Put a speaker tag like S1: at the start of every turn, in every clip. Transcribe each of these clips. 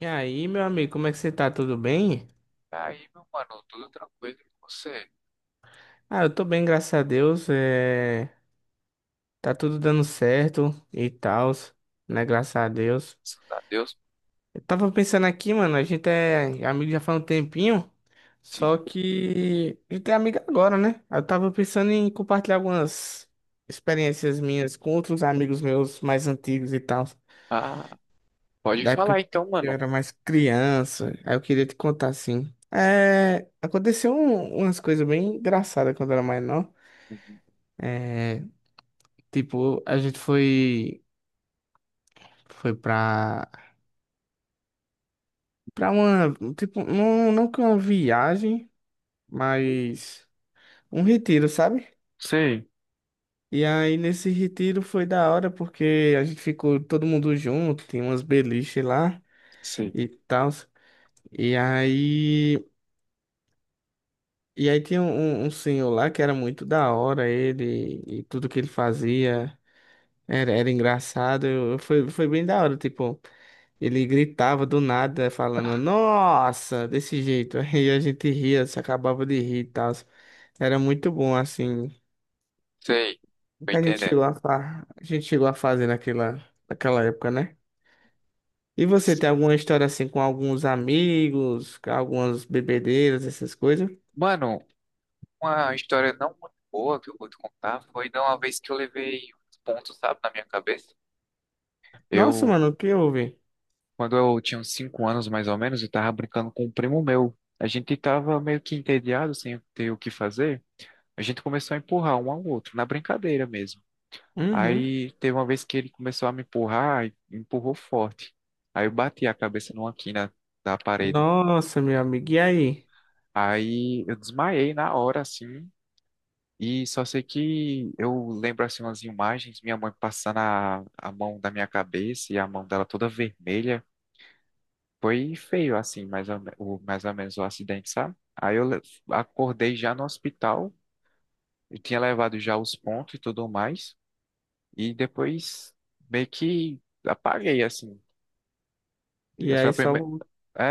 S1: E aí, meu amigo, como é que você tá? Tudo bem?
S2: Tá. Aí, meu mano, tudo tranquilo com você?
S1: Ah, eu tô bem, graças a Deus. Tá tudo dando certo e tal, né? Graças a Deus.
S2: Graças a Deus.
S1: Eu tava pensando aqui, mano, a gente é amigo já faz um tempinho,
S2: Sim.
S1: só que a gente é amigo agora, né? Eu tava pensando em compartilhar algumas experiências minhas com outros amigos meus mais antigos e tal,
S2: Ah, pode
S1: da época
S2: falar
S1: que
S2: então,
S1: eu
S2: mano.
S1: era mais criança. Aí eu queria te contar assim. Aconteceu umas coisas bem engraçadas quando eu era mais novo.
S2: Uhum.
S1: É, tipo, a gente foi pra para uma, tipo, não, não que uma viagem, mas um retiro, sabe?
S2: Sei,
S1: E aí nesse retiro foi da hora porque a gente ficou todo mundo junto, tinha umas beliche lá
S2: sei,
S1: e tal. E aí e aí tinha um senhor lá que era muito da hora, ele, e tudo que ele fazia era, era engraçado. Foi bem da hora, tipo. Ele gritava do nada, falando, nossa, desse jeito. Aí a gente ria, se acabava de rir e tal. Era muito bom, assim.
S2: sei.
S1: O
S2: Tô
S1: que a gente
S2: entendendo.
S1: chegou a, a gente chegou a fazer naquela... naquela época, né? E você tem alguma história assim com alguns amigos, com algumas bebedeiras, essas coisas?
S2: Mano, uma história não muito boa que eu vou te contar foi de uma vez que eu levei uns pontos, sabe, na minha cabeça.
S1: Nossa,
S2: Eu,
S1: mano, o que houve?
S2: quando eu tinha uns 5 anos mais ou menos, eu tava brincando com um primo meu. A gente tava meio que entediado, sem ter o que fazer. A gente começou a empurrar um ao outro, na brincadeira mesmo.
S1: Uhum.
S2: Aí teve uma vez que ele começou a me empurrar, e empurrou forte. Aí eu bati a cabeça numa quina da parede.
S1: Nossa, meu amigo, e aí?
S2: Aí eu desmaiei na hora, assim, e só sei que eu lembro, assim, umas imagens, minha mãe passando a mão da minha cabeça e a mão dela toda vermelha. Foi feio, assim, mais ou menos o acidente, sabe? Aí eu le- Acordei já no hospital, eu tinha levado já os pontos e tudo mais, e depois meio que apaguei, assim.
S1: E
S2: Foi a
S1: aí só.
S2: primeira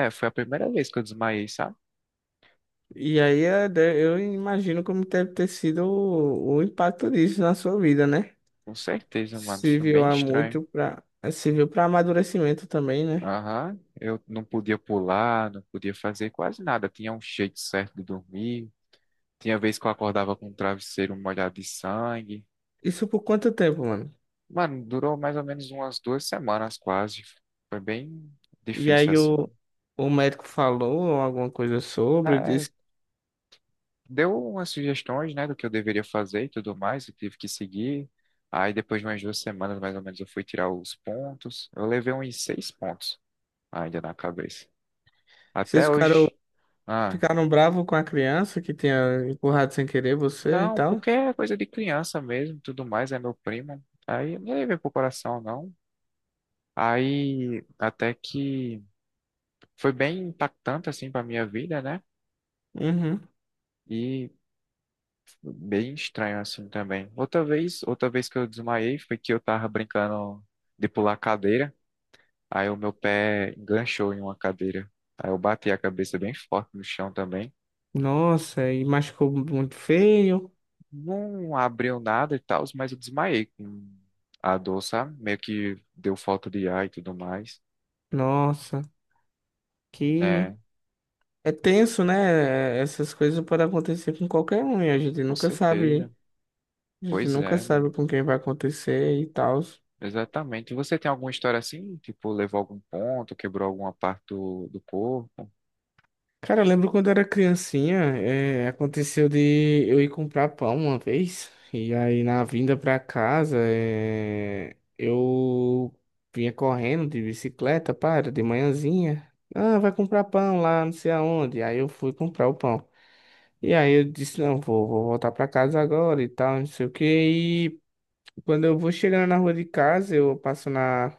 S2: Foi a primeira vez que eu desmaiei, sabe?
S1: E aí eu imagino como deve ter sido o impacto disso na sua vida, né?
S2: Com certeza, mano. Isso foi
S1: Serviu
S2: bem
S1: há
S2: estranho.
S1: muito pra. Serviu pra amadurecimento também, né?
S2: Aham. Eu não podia pular, não podia fazer quase nada. Tinha um jeito certo de dormir. Tinha vez que eu acordava com o travesseiro molhado de sangue.
S1: Isso por quanto tempo, mano?
S2: Mano, durou mais ou menos umas 2 semanas quase. Foi bem
S1: E
S2: difícil,
S1: aí
S2: assim.
S1: o médico falou alguma coisa sobre,
S2: É,
S1: disse.
S2: deu umas sugestões, né, do que eu deveria fazer e tudo mais. Eu tive que seguir. Aí, depois de umas 2 semanas, mais ou menos, eu fui tirar os pontos. Eu levei uns 6 pontos ainda na cabeça.
S1: Vocês
S2: Até
S1: ficaram,
S2: hoje. Ah,
S1: ficaram bravos com a criança que tinha empurrado sem querer você e
S2: não,
S1: tal?
S2: porque é coisa de criança mesmo, tudo mais, é meu primo. Aí não levei pro coração, não. Aí até que foi bem impactante assim pra minha vida, né?
S1: Uhum.
S2: E bem estranho assim também. Outra vez que eu desmaiei foi que eu tava brincando de pular cadeira. Aí o meu pé enganchou em uma cadeira. Aí eu bati a cabeça bem forte no chão também.
S1: Nossa, e machucou muito feio.
S2: Não abriu nada e tal, mas eu desmaiei com a dor, sabe? Meio que deu falta de ar e tudo mais.
S1: Nossa, que.
S2: É,
S1: É tenso, né? Essas coisas podem acontecer com qualquer um e a gente
S2: com
S1: nunca
S2: certeza.
S1: sabe. A gente
S2: Pois
S1: nunca
S2: é, mano.
S1: sabe com quem vai acontecer e tal.
S2: Exatamente. Você tem alguma história assim? Tipo, levou algum ponto, quebrou alguma parte do, do corpo?
S1: Cara, eu lembro quando eu era criancinha, aconteceu de eu ir comprar pão uma vez, e aí na vinda pra casa, eu vinha correndo de bicicleta, para, de manhãzinha. Ah, vai comprar pão lá, não sei aonde. Aí eu fui comprar o pão. E aí eu disse, não, vou, vou voltar pra casa agora e tal, não sei o quê. E quando eu vou chegando na rua de casa, eu passo na,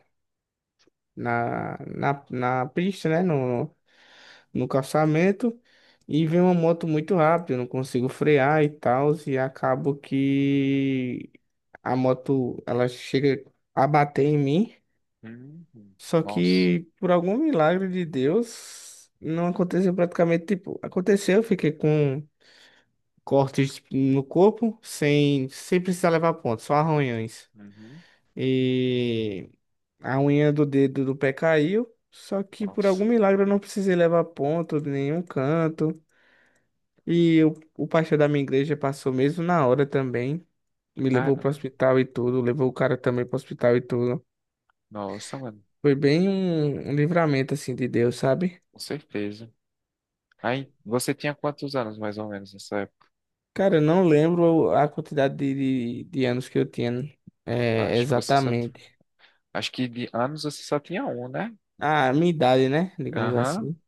S1: na, na, na pista, né? No calçamento e vem uma moto muito rápida, eu não consigo frear e tal, e acabo que a moto ela chega a bater em mim,
S2: Uhum.
S1: só
S2: Nossa.
S1: que por algum milagre de Deus não aconteceu praticamente, tipo, aconteceu, eu fiquei com cortes no corpo sem precisar levar ponto, só arranhões.
S2: Uhum.
S1: E a unha do dedo do pé caiu. Só que por algum
S2: Nossa.
S1: milagre eu não precisei levar ponto de nenhum canto. E o pastor da minha igreja passou mesmo na hora também. Me levou
S2: Cara,
S1: pro hospital e tudo. Levou o cara também pro hospital e tudo.
S2: nossa, mano.
S1: Foi bem um, um livramento assim de Deus, sabe?
S2: Com certeza. Aí, você tinha quantos anos mais ou menos nessa época?
S1: Cara, eu não lembro a quantidade de anos que eu tinha
S2: Acho que você só.
S1: exatamente.
S2: Acho que de anos você só tinha um, né?
S1: A minha idade, né? Digamos
S2: Aham.
S1: assim.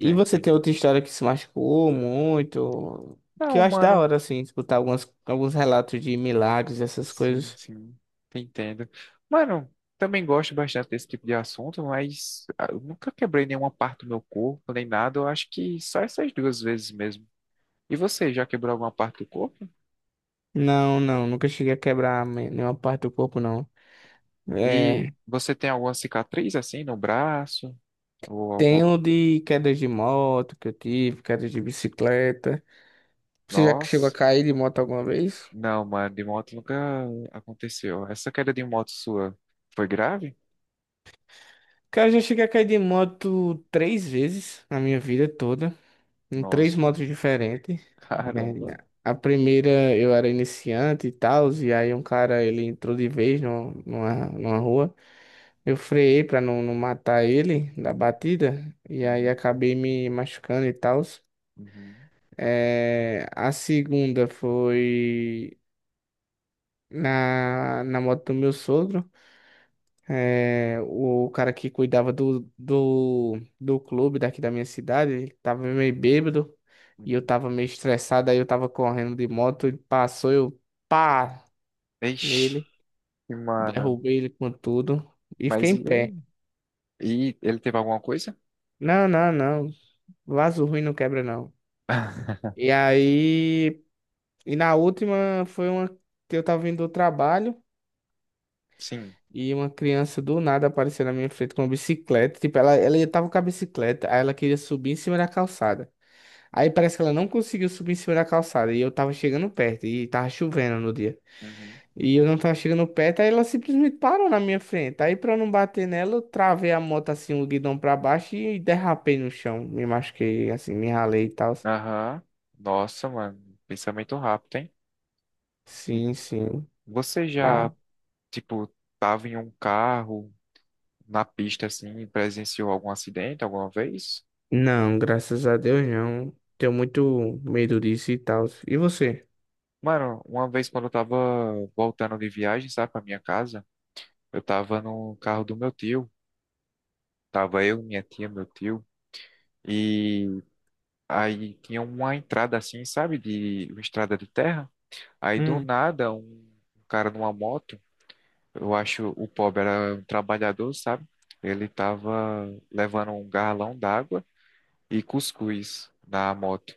S1: E
S2: tô
S1: você tem
S2: entendendo.
S1: outra história que se machucou muito? Que
S2: Não,
S1: eu acho da
S2: mano.
S1: hora, assim, escutar algumas, alguns relatos de milagres, essas
S2: Sim,
S1: coisas.
S2: sim, entendo. Mano, também gosto bastante desse tipo de assunto, mas ah, eu nunca quebrei nenhuma parte do meu corpo, nem nada. Eu acho que só essas 2 vezes mesmo. E você, já quebrou alguma parte do corpo?
S1: Não, não, nunca cheguei a quebrar nenhuma parte do corpo, não.
S2: E
S1: É,
S2: você tem alguma cicatriz assim no braço? Ou
S1: tem
S2: alguma.
S1: o de quedas de moto que eu tive, quedas de bicicleta. Você já chegou a
S2: Nossa.
S1: cair de moto alguma vez?
S2: Não, mano, de moto nunca aconteceu. Essa queda de moto sua foi grave?
S1: Cara, eu já cheguei a cair de moto três vezes na minha vida toda, em três
S2: Nossa, mano.
S1: motos diferentes.
S2: Caramba.
S1: É, a primeira eu era iniciante e tal, e aí um cara ele entrou de vez no, numa rua. Eu freiei pra não, não matar ele da
S2: Uhum,
S1: batida, e aí
S2: uhum,
S1: acabei me machucando e tal.
S2: uhum.
S1: A segunda foi na, na moto do meu sogro. O cara que cuidava do, do clube daqui da minha cidade, ele tava meio bêbado e eu
S2: Uhum.
S1: tava meio estressado, aí eu tava correndo de moto, ele passou, eu pá
S2: Ixi,
S1: nele,
S2: mano.
S1: derrubei ele com tudo e fiquei
S2: Mas
S1: em
S2: e aí?
S1: pé.
S2: E ele teve alguma coisa?
S1: Não, não, não, vaso ruim não quebra não. E aí, e na última foi uma que eu tava vindo do trabalho.
S2: Sim.
S1: E uma criança do nada apareceu na minha frente com uma bicicleta. Tipo, ela tava com a bicicleta, aí ela queria subir em cima da calçada. Aí parece que ela não conseguiu subir em cima da calçada. E eu tava chegando perto, e tava chovendo no dia.
S2: Uhum.
S1: E eu não tava chegando perto, aí ela simplesmente parou na minha frente. Aí pra eu não bater nela, eu travei a moto assim, o guidão pra baixo e derrapei no chão. Me machuquei, assim, me ralei e tal.
S2: Aham. Nossa, mano. Pensamento rápido, hein? Hum.
S1: Sim, sim.
S2: Você
S1: Ah,
S2: já, tipo, tava em um carro, na pista, assim, e presenciou algum acidente alguma vez?
S1: não, graças a Deus não. Tenho muito medo disso e tal. E você?
S2: Mano, uma vez quando eu tava voltando de viagem, sabe, pra minha casa, eu tava no carro do meu tio. Tava eu, minha tia, meu tio. E aí tinha uma entrada assim, sabe, de uma estrada de terra. Aí do
S1: Hum.
S2: nada, um cara numa moto. Eu acho o pobre era um trabalhador, sabe? Ele tava levando um galão d'água e cuscuz na moto.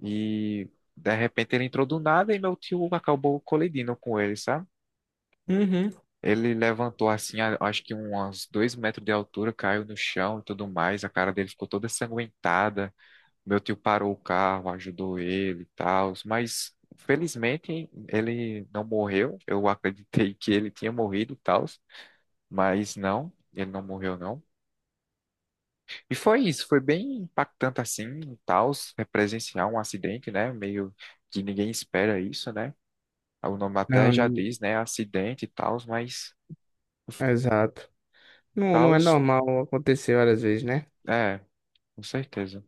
S2: E de repente ele entrou do nada e meu tio acabou colidindo com ele, sabe?
S1: Uhum.
S2: Ele levantou assim, acho que uns 2 metros de altura, caiu no chão e tudo mais. A cara dele ficou toda sanguentada. Meu tio parou o carro, ajudou ele e tal, mas felizmente ele não morreu. Eu acreditei que ele tinha morrido e tal. Mas não, ele não morreu, não. E foi isso, foi bem impactante assim, tal, é presenciar um acidente, né? Meio que ninguém espera isso, né? O nome até
S1: Não,
S2: já
S1: nin-
S2: diz, né? Acidente e tal, mas
S1: exato. Não, não
S2: tal,
S1: é normal acontecer várias vezes, né?
S2: é, com certeza.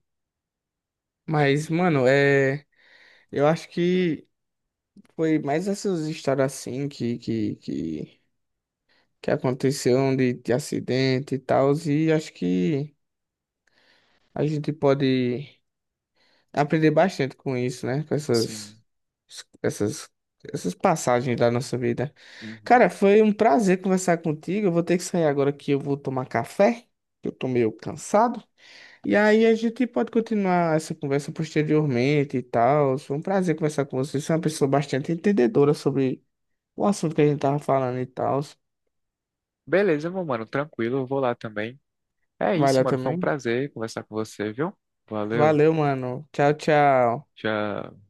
S1: Mas, mano, eu acho que foi mais essas histórias assim que aconteceram de acidente e tal, e acho que a gente pode aprender bastante com isso, né? Com
S2: Sim.
S1: essas, essas passagens da nossa vida. Cara,
S2: Uhum.
S1: foi um prazer conversar contigo. Eu vou ter que sair agora que eu vou tomar café, que eu tô meio cansado. E aí a gente pode continuar essa conversa posteriormente e tal. Foi um prazer conversar com você. Você é uma pessoa bastante entendedora sobre o assunto que a gente tava falando e tal.
S2: Beleza, meu mano, tranquilo, eu vou lá também. É
S1: Vai
S2: isso,
S1: lá
S2: mano, foi um
S1: também.
S2: prazer conversar com você, viu? Valeu,
S1: Valeu, mano. Tchau, tchau.
S2: tchau.